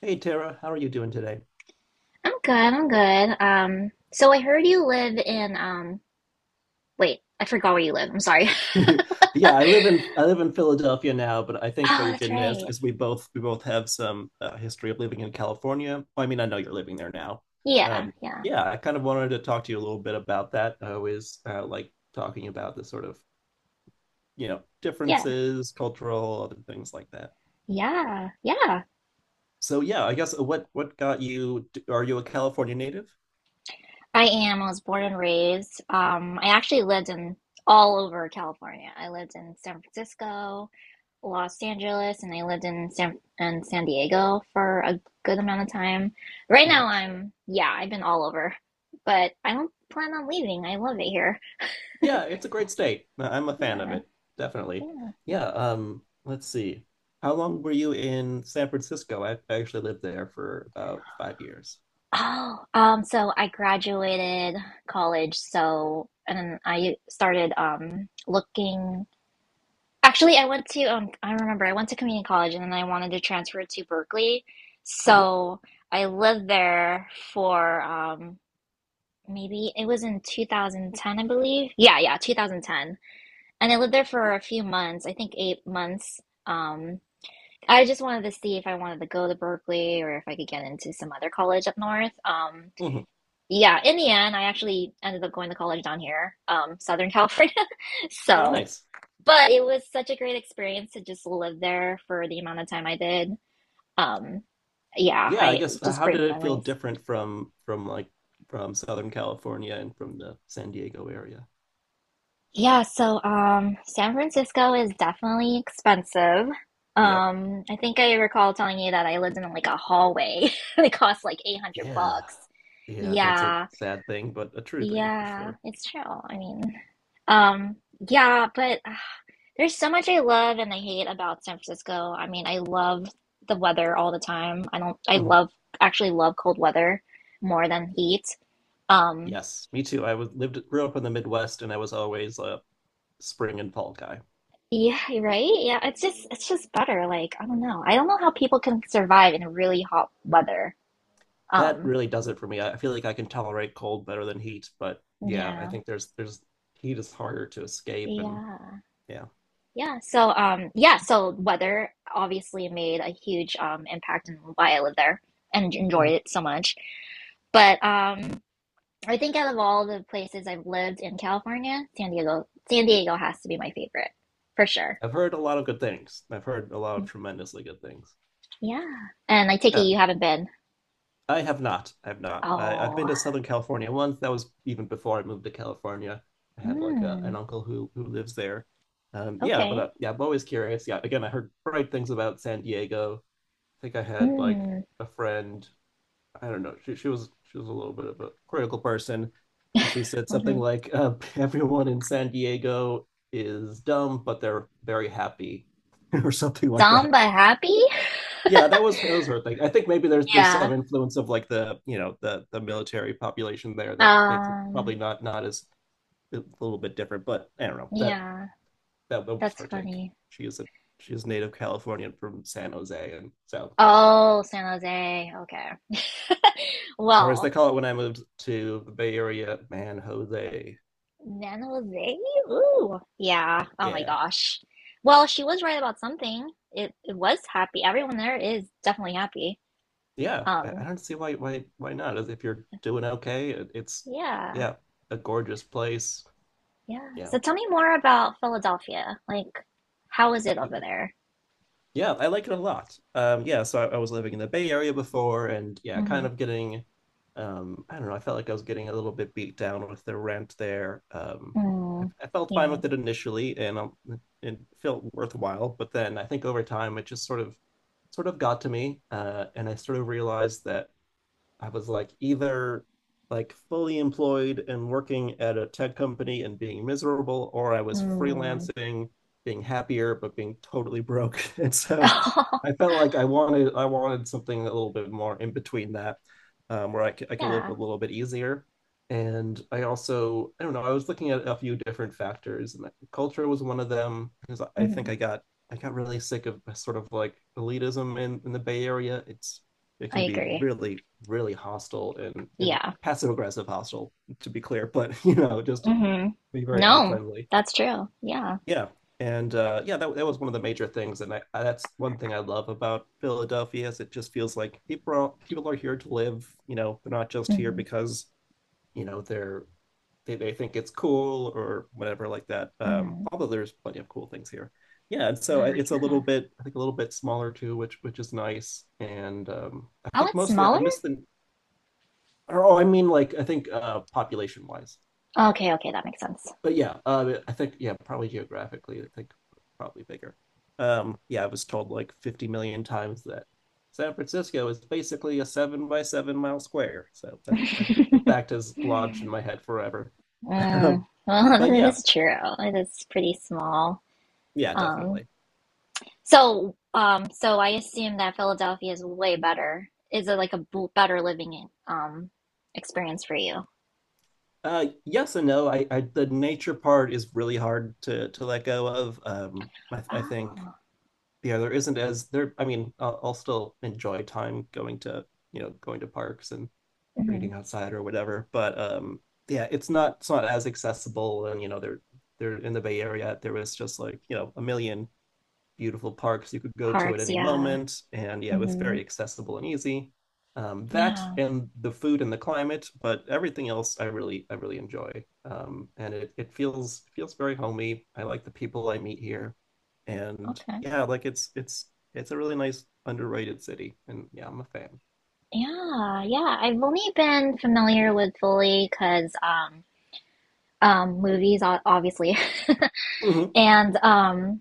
Hey Tara, how are you doing today? I'm good, I'm good. So I heard you live in, wait, I forgot where you live. I'm sorry. Yeah, I live in I live in Philadelphia now, but I think what Oh, you're that's getting at is, right. is we both have some history of living in California. Well, I mean, I know you're living there now. Yeah, Um, yeah, yeah, I kind of wanted to talk to you a little bit about that. I always like talking about the sort of yeah, differences, cultural, other things like that. yeah, yeah. So yeah, I guess what got you? Are you a California native? I am. I was born and raised. I actually lived in all over California. I lived in San Francisco, Los Angeles, and I lived in San Diego for a good amount of time. Right now Nice. I'm, yeah, I've been all over, but I don't plan on leaving. I love it here. Yeah, it's a great state. I'm a fan of Yeah, it, definitely. yeah. Yeah, let's see. How long were you in San Francisco? I actually lived there for about 5 years. Oh, so I graduated college, so and then I started looking. Actually, I went to I remember I went to community college and then I wanted to transfer to Berkeley. Hmm. So I lived there for maybe it was in 2010, I believe. Yeah, yeah, 2010. And I lived there for a few months, I think 8 months. Um I just wanted to see if I wanted to go to Berkeley or if I could get into some other college up north. Hmm. Yeah, in the end, I actually ended up going to college down here, Southern California. Oh, So, nice. but it was such a great experience to just live there for the amount of time I did. Um, yeah, Yeah, I I guess just how great did it feel memories. different from like from Southern California and from the San Diego area? Yeah, so San Francisco is definitely expensive. Yep. I think I recall telling you that I lived in like a hallway. It cost like 800 Yeah. bucks. Yeah, that's a Yeah, sad thing, but a true thing for yeah, sure. it's true. I mean, um, yeah, but. There's so much I love and I hate about San Francisco. I mean, I love the weather all the time. I don't, I Mhm. love, actually love cold weather more than heat. Um, Yes, me too. I was lived grew up in the Midwest and I was always a spring and fall guy. yeah, right? Yeah, it's just better. Like, I don't know. I don't know how people can survive in really hot weather. That Um, really does it for me. I feel like I can tolerate cold better than heat, but yeah, I yeah, think there's heat is harder to escape, and yeah, yeah. yeah. So, yeah, so weather obviously made a huge, impact in why I live there and enjoyed Mhm. it so much. But, I think out of all the places I've lived in California, San Diego has to be my favorite for sure. I've heard a lot of good things. I've heard a lot of tremendously good things. Yeah. And I take it Yeah, you haven't been. I have not. I have not. I've been Oh. to Southern California once. That was even before I moved to California. I have like a, an Mm, uncle who lives there. Yeah, but okay. Yeah, I'm always curious. Yeah, again, I heard great things about San Diego. I think I had like Mm, a friend. I don't know. She was a little bit of a critical person, and she said hmm, something mm-hmm. like, "Everyone in San Diego is dumb, but they're very happy," or something like that. Samba happy? Yeah, that was her thing. I think maybe there's Yeah. some influence of like the military population there that makes it Um. probably not as, a little bit different. But I don't know, that, Yeah. that was That's her take. funny. She is a she is native Californian from San Jose, and so, Oh, San Jose. Okay. or as they Well, call it when I moved to the Bay Area, man, Jose. San Jose. Ooh. Yeah. Oh my Yeah. gosh. Well, she was right about something. It was happy. Everyone there is definitely happy. Yeah, I Um, don't see why not. As if you're doing okay, it's, yeah, yeah, a gorgeous place. yeah. Yeah. So tell me more about Philadelphia. Like, how is it over Yeah. there? Yeah, I like it a lot. Yeah, so I was living in the Bay Area before, and yeah, kind Mm-hmm. of getting, I don't know, I felt like I was getting a little bit beat down with the rent there. I, Mm, I felt fine yeah. with it initially, and it felt worthwhile, but then I think over time it just sort of got to me, and I sort of realized that I was like either, like, fully employed and working at a tech company and being miserable, or I was Mm. freelancing, being happier but being totally broke. And so Oh, I felt like I wanted something a little bit more in between that, where I could live a yeah. little bit easier. And I also, I don't know, I was looking at a few different factors, and culture was one of them because I Hmm. think I got really sick of sort of like elitism in the Bay Area. It I can be agree. really really hostile and Yeah. passive aggressive hostile, to be clear, but just Hmm. be very No, unfriendly. that's true. Yeah. Yeah, and yeah, that was one of the major things, and that's one thing I love about Philadelphia, is it just feels like people are here to live. You know, they're not just here Hmm. because, you know they're they think it's cool or whatever like that. Um, Hmm. although there's plenty of cool things here. Yeah, and so Oh, it's a yeah. little bit, I think, a little bit smaller too, which is nice. And I Oh, think it's mostly I smaller? miss the, or, oh, I mean, like I think, population wise. Okay, okay, that makes sense. But yeah, I think, yeah, probably geographically, I think probably bigger. Yeah, I was told like 50 million times that San Francisco is basically a 7 by 7 mile square. So that that fact is lodged in my head forever. Mm, But well, that yeah, is true. It is pretty small. yeah, Um, definitely. So, so I assume that Philadelphia is way better. Is it like a b better living in, experience for you? Yes and no. I the nature part is really hard to let go of. I think, Oh. yeah, there isn't, as there. I mean, I'll still enjoy time going to you know going to parks and Hmm. reading outside or whatever, but yeah, it's not as accessible. And you know, they're in the Bay Area, there was just like a million beautiful parks you could go to at Parks, any yeah. moment. And yeah, it was Hmm. very accessible and easy. That Yeah. and the food and the climate, but everything else I really enjoy. And it feels very homey. I like the people I meet here, and Okay. yeah, like it's a really nice, underrated city. And yeah, I'm a fan. Yeah, yeah. I've only been familiar with Philly because movies, o- obviously, Mhm. and um,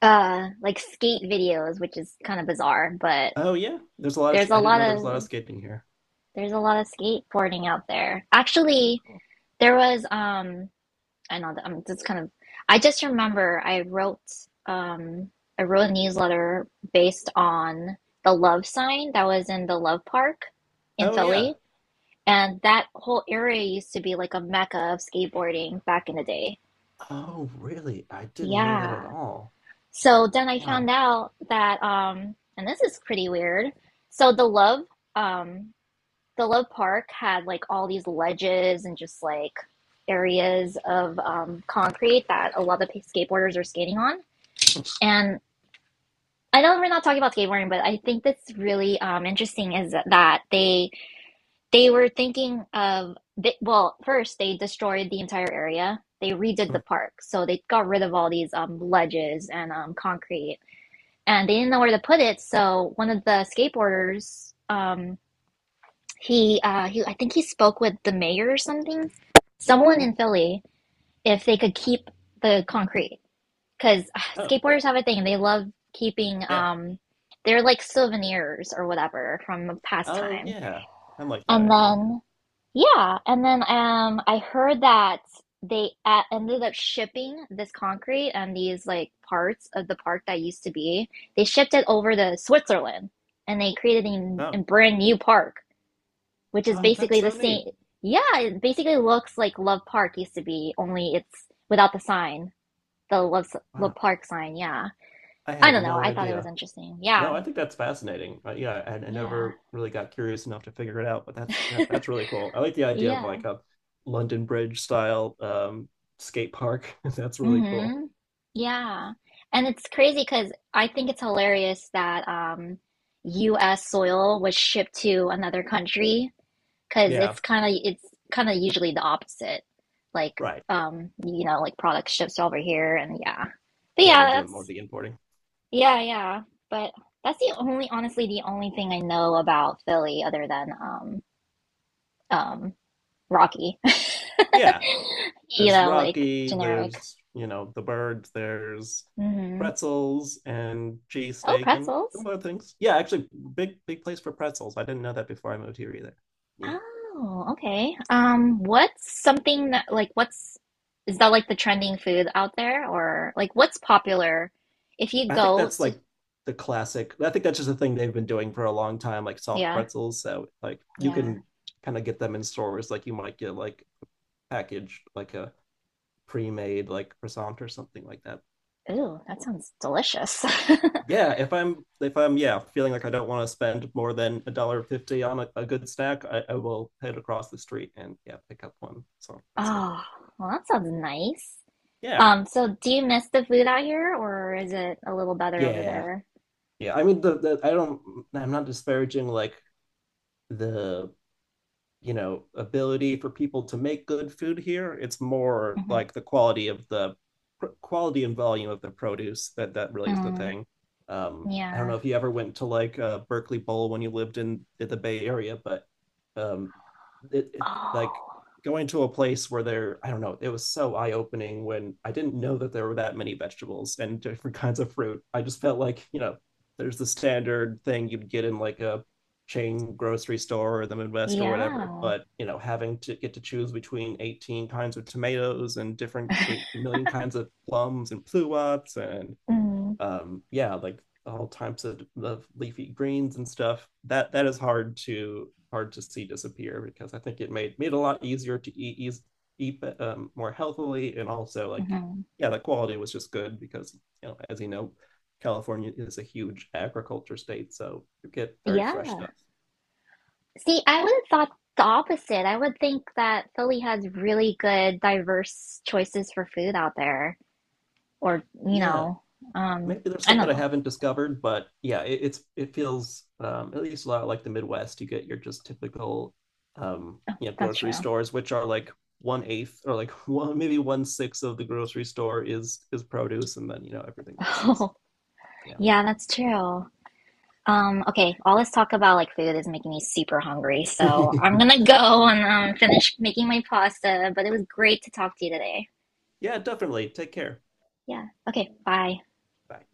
uh, like skate videos, which is kind of bizarre, but Oh yeah, there's a lot of there's a I didn't lot know there was a lot of of skating here. there's a lot of skateboarding out there. Oh, Actually, cool. there was. I know that I'm just kind of I just remember um I wrote a newsletter based on the love sign that was in the Love Park in Oh, yeah. Philly. And that whole area used to be like a mecca of skateboarding back in the day. Oh really? I didn't know that at Yeah. all. So then I Wow. found out that and this is pretty weird. So um the Love Park had like all these ledges and just like areas of concrete that a lot of skateboarders are skating on. And I know we're not talking about skateboarding, but I think that's really interesting is that they were thinking of they, well, first they destroyed the entire area. They redid the park, so they got rid of all these ledges and concrete, and they didn't know where to put it. So one of the skateboarders I think he spoke with the mayor or something, someone in Philly, if they could keep the concrete, because Oh skateboarders have a thing. They love keeping, yeah. They're like souvenirs or whatever from a past Oh time. yeah, I like that And idea. Yeah. then, yeah, and then I heard that they ended up shipping this concrete and these like parts of the park that used to be. They shipped it over to Switzerland, and they created Oh, a brand new park which is oh, that's basically the so neat. same. Yeah, it basically looks like Love Park used to be, only it's without the sign, the Love Wow, Love Park sign. Yeah, I I had don't know. no I thought it was idea. interesting. No, Yeah, I think that's fascinating. Yeah, I yeah, never really got curious enough to figure it out, but that's, yeah, that's really cool. I like the idea of like yeah. a London Bridge style skate park. That's really cool. Mm-hmm. Yeah, and it's crazy because I think it's hilarious that U.S. soil was shipped to another country because Yeah, it's kind of usually the opposite, like right. You know, like products shipped over here, and yeah, but Yeah, we're yeah, doing more of that's. the importing. Yeah, yeah. But that's the only, honestly, the only thing I know about Philly other than um Rocky. Yeah, You there's know, like Rocky, generic. there's, you know, the bird, there's Hmm. pretzels and cheese Oh, steak and pretzels. similar things. Yeah, actually, big, big place for pretzels. I didn't know that before I moved here either. Yeah. Oh, okay. What's something that like what's is that like the trending food out there or like what's popular if you I think go that's to like the classic. I think that's just a thing they've been doing for a long time, like soft yeah, pretzels. So, like, you yeah. can kind of get them in stores, like, you might get like packaged, like a pre made, like croissant or something like that. Ooh, that sounds delicious. Yeah, if I'm, yeah, feeling like I don't want to spend more than a dollar fifty on a good snack, I will head across the street and, yeah, pick up one. So that's all. Oh, well, that sounds nice. Yeah, So do you miss the food out here, or is it a little better over yeah, there? yeah. I mean the I don't I'm not disparaging like the ability for people to make good food here. It's more Hmm. like the quality of the, quality and volume of the produce, that that really is the Mm, thing. Um, I don't yeah. know if you ever went to like Berkeley Bowl when you lived in the Bay Area, but um it, it like Oh, going to a place where there, I don't know, it was so eye-opening. When I didn't know that there were that many vegetables and different kinds of fruit, I just felt like, you know, there's the standard thing you'd get in like a chain grocery store or the Midwest or whatever. yeah. But you know, having to get to choose between 18 kinds of tomatoes and different 8 million kinds of plums and pluots and, Mm, yeah, like all types of leafy greens and stuff. That is hard to see disappear, because I think it made it a lot easier to eat more healthily, and also, like, hmm. yeah, the quality was just good because, as you know, California is a huge agriculture state, so you get very fresh Yeah. stuff. See, I would have thought the opposite. I would think that Philly has really good, diverse choices for food out there, or you Yeah, know, um, maybe there's I stuff don't that I know. haven't discovered, but yeah, it feels at least a lot like the Midwest. You get your just typical, That's grocery true. stores, which are like one eighth or like one sixth of the grocery store is produce, and then everything else is. Oh, Yeah, yeah, that's true. Okay, all this talk about like food is making me super hungry, so I'm gonna go and finish making my pasta, but it was great to talk to you today. yeah, definitely. Take care. Yeah, okay, bye. Bye.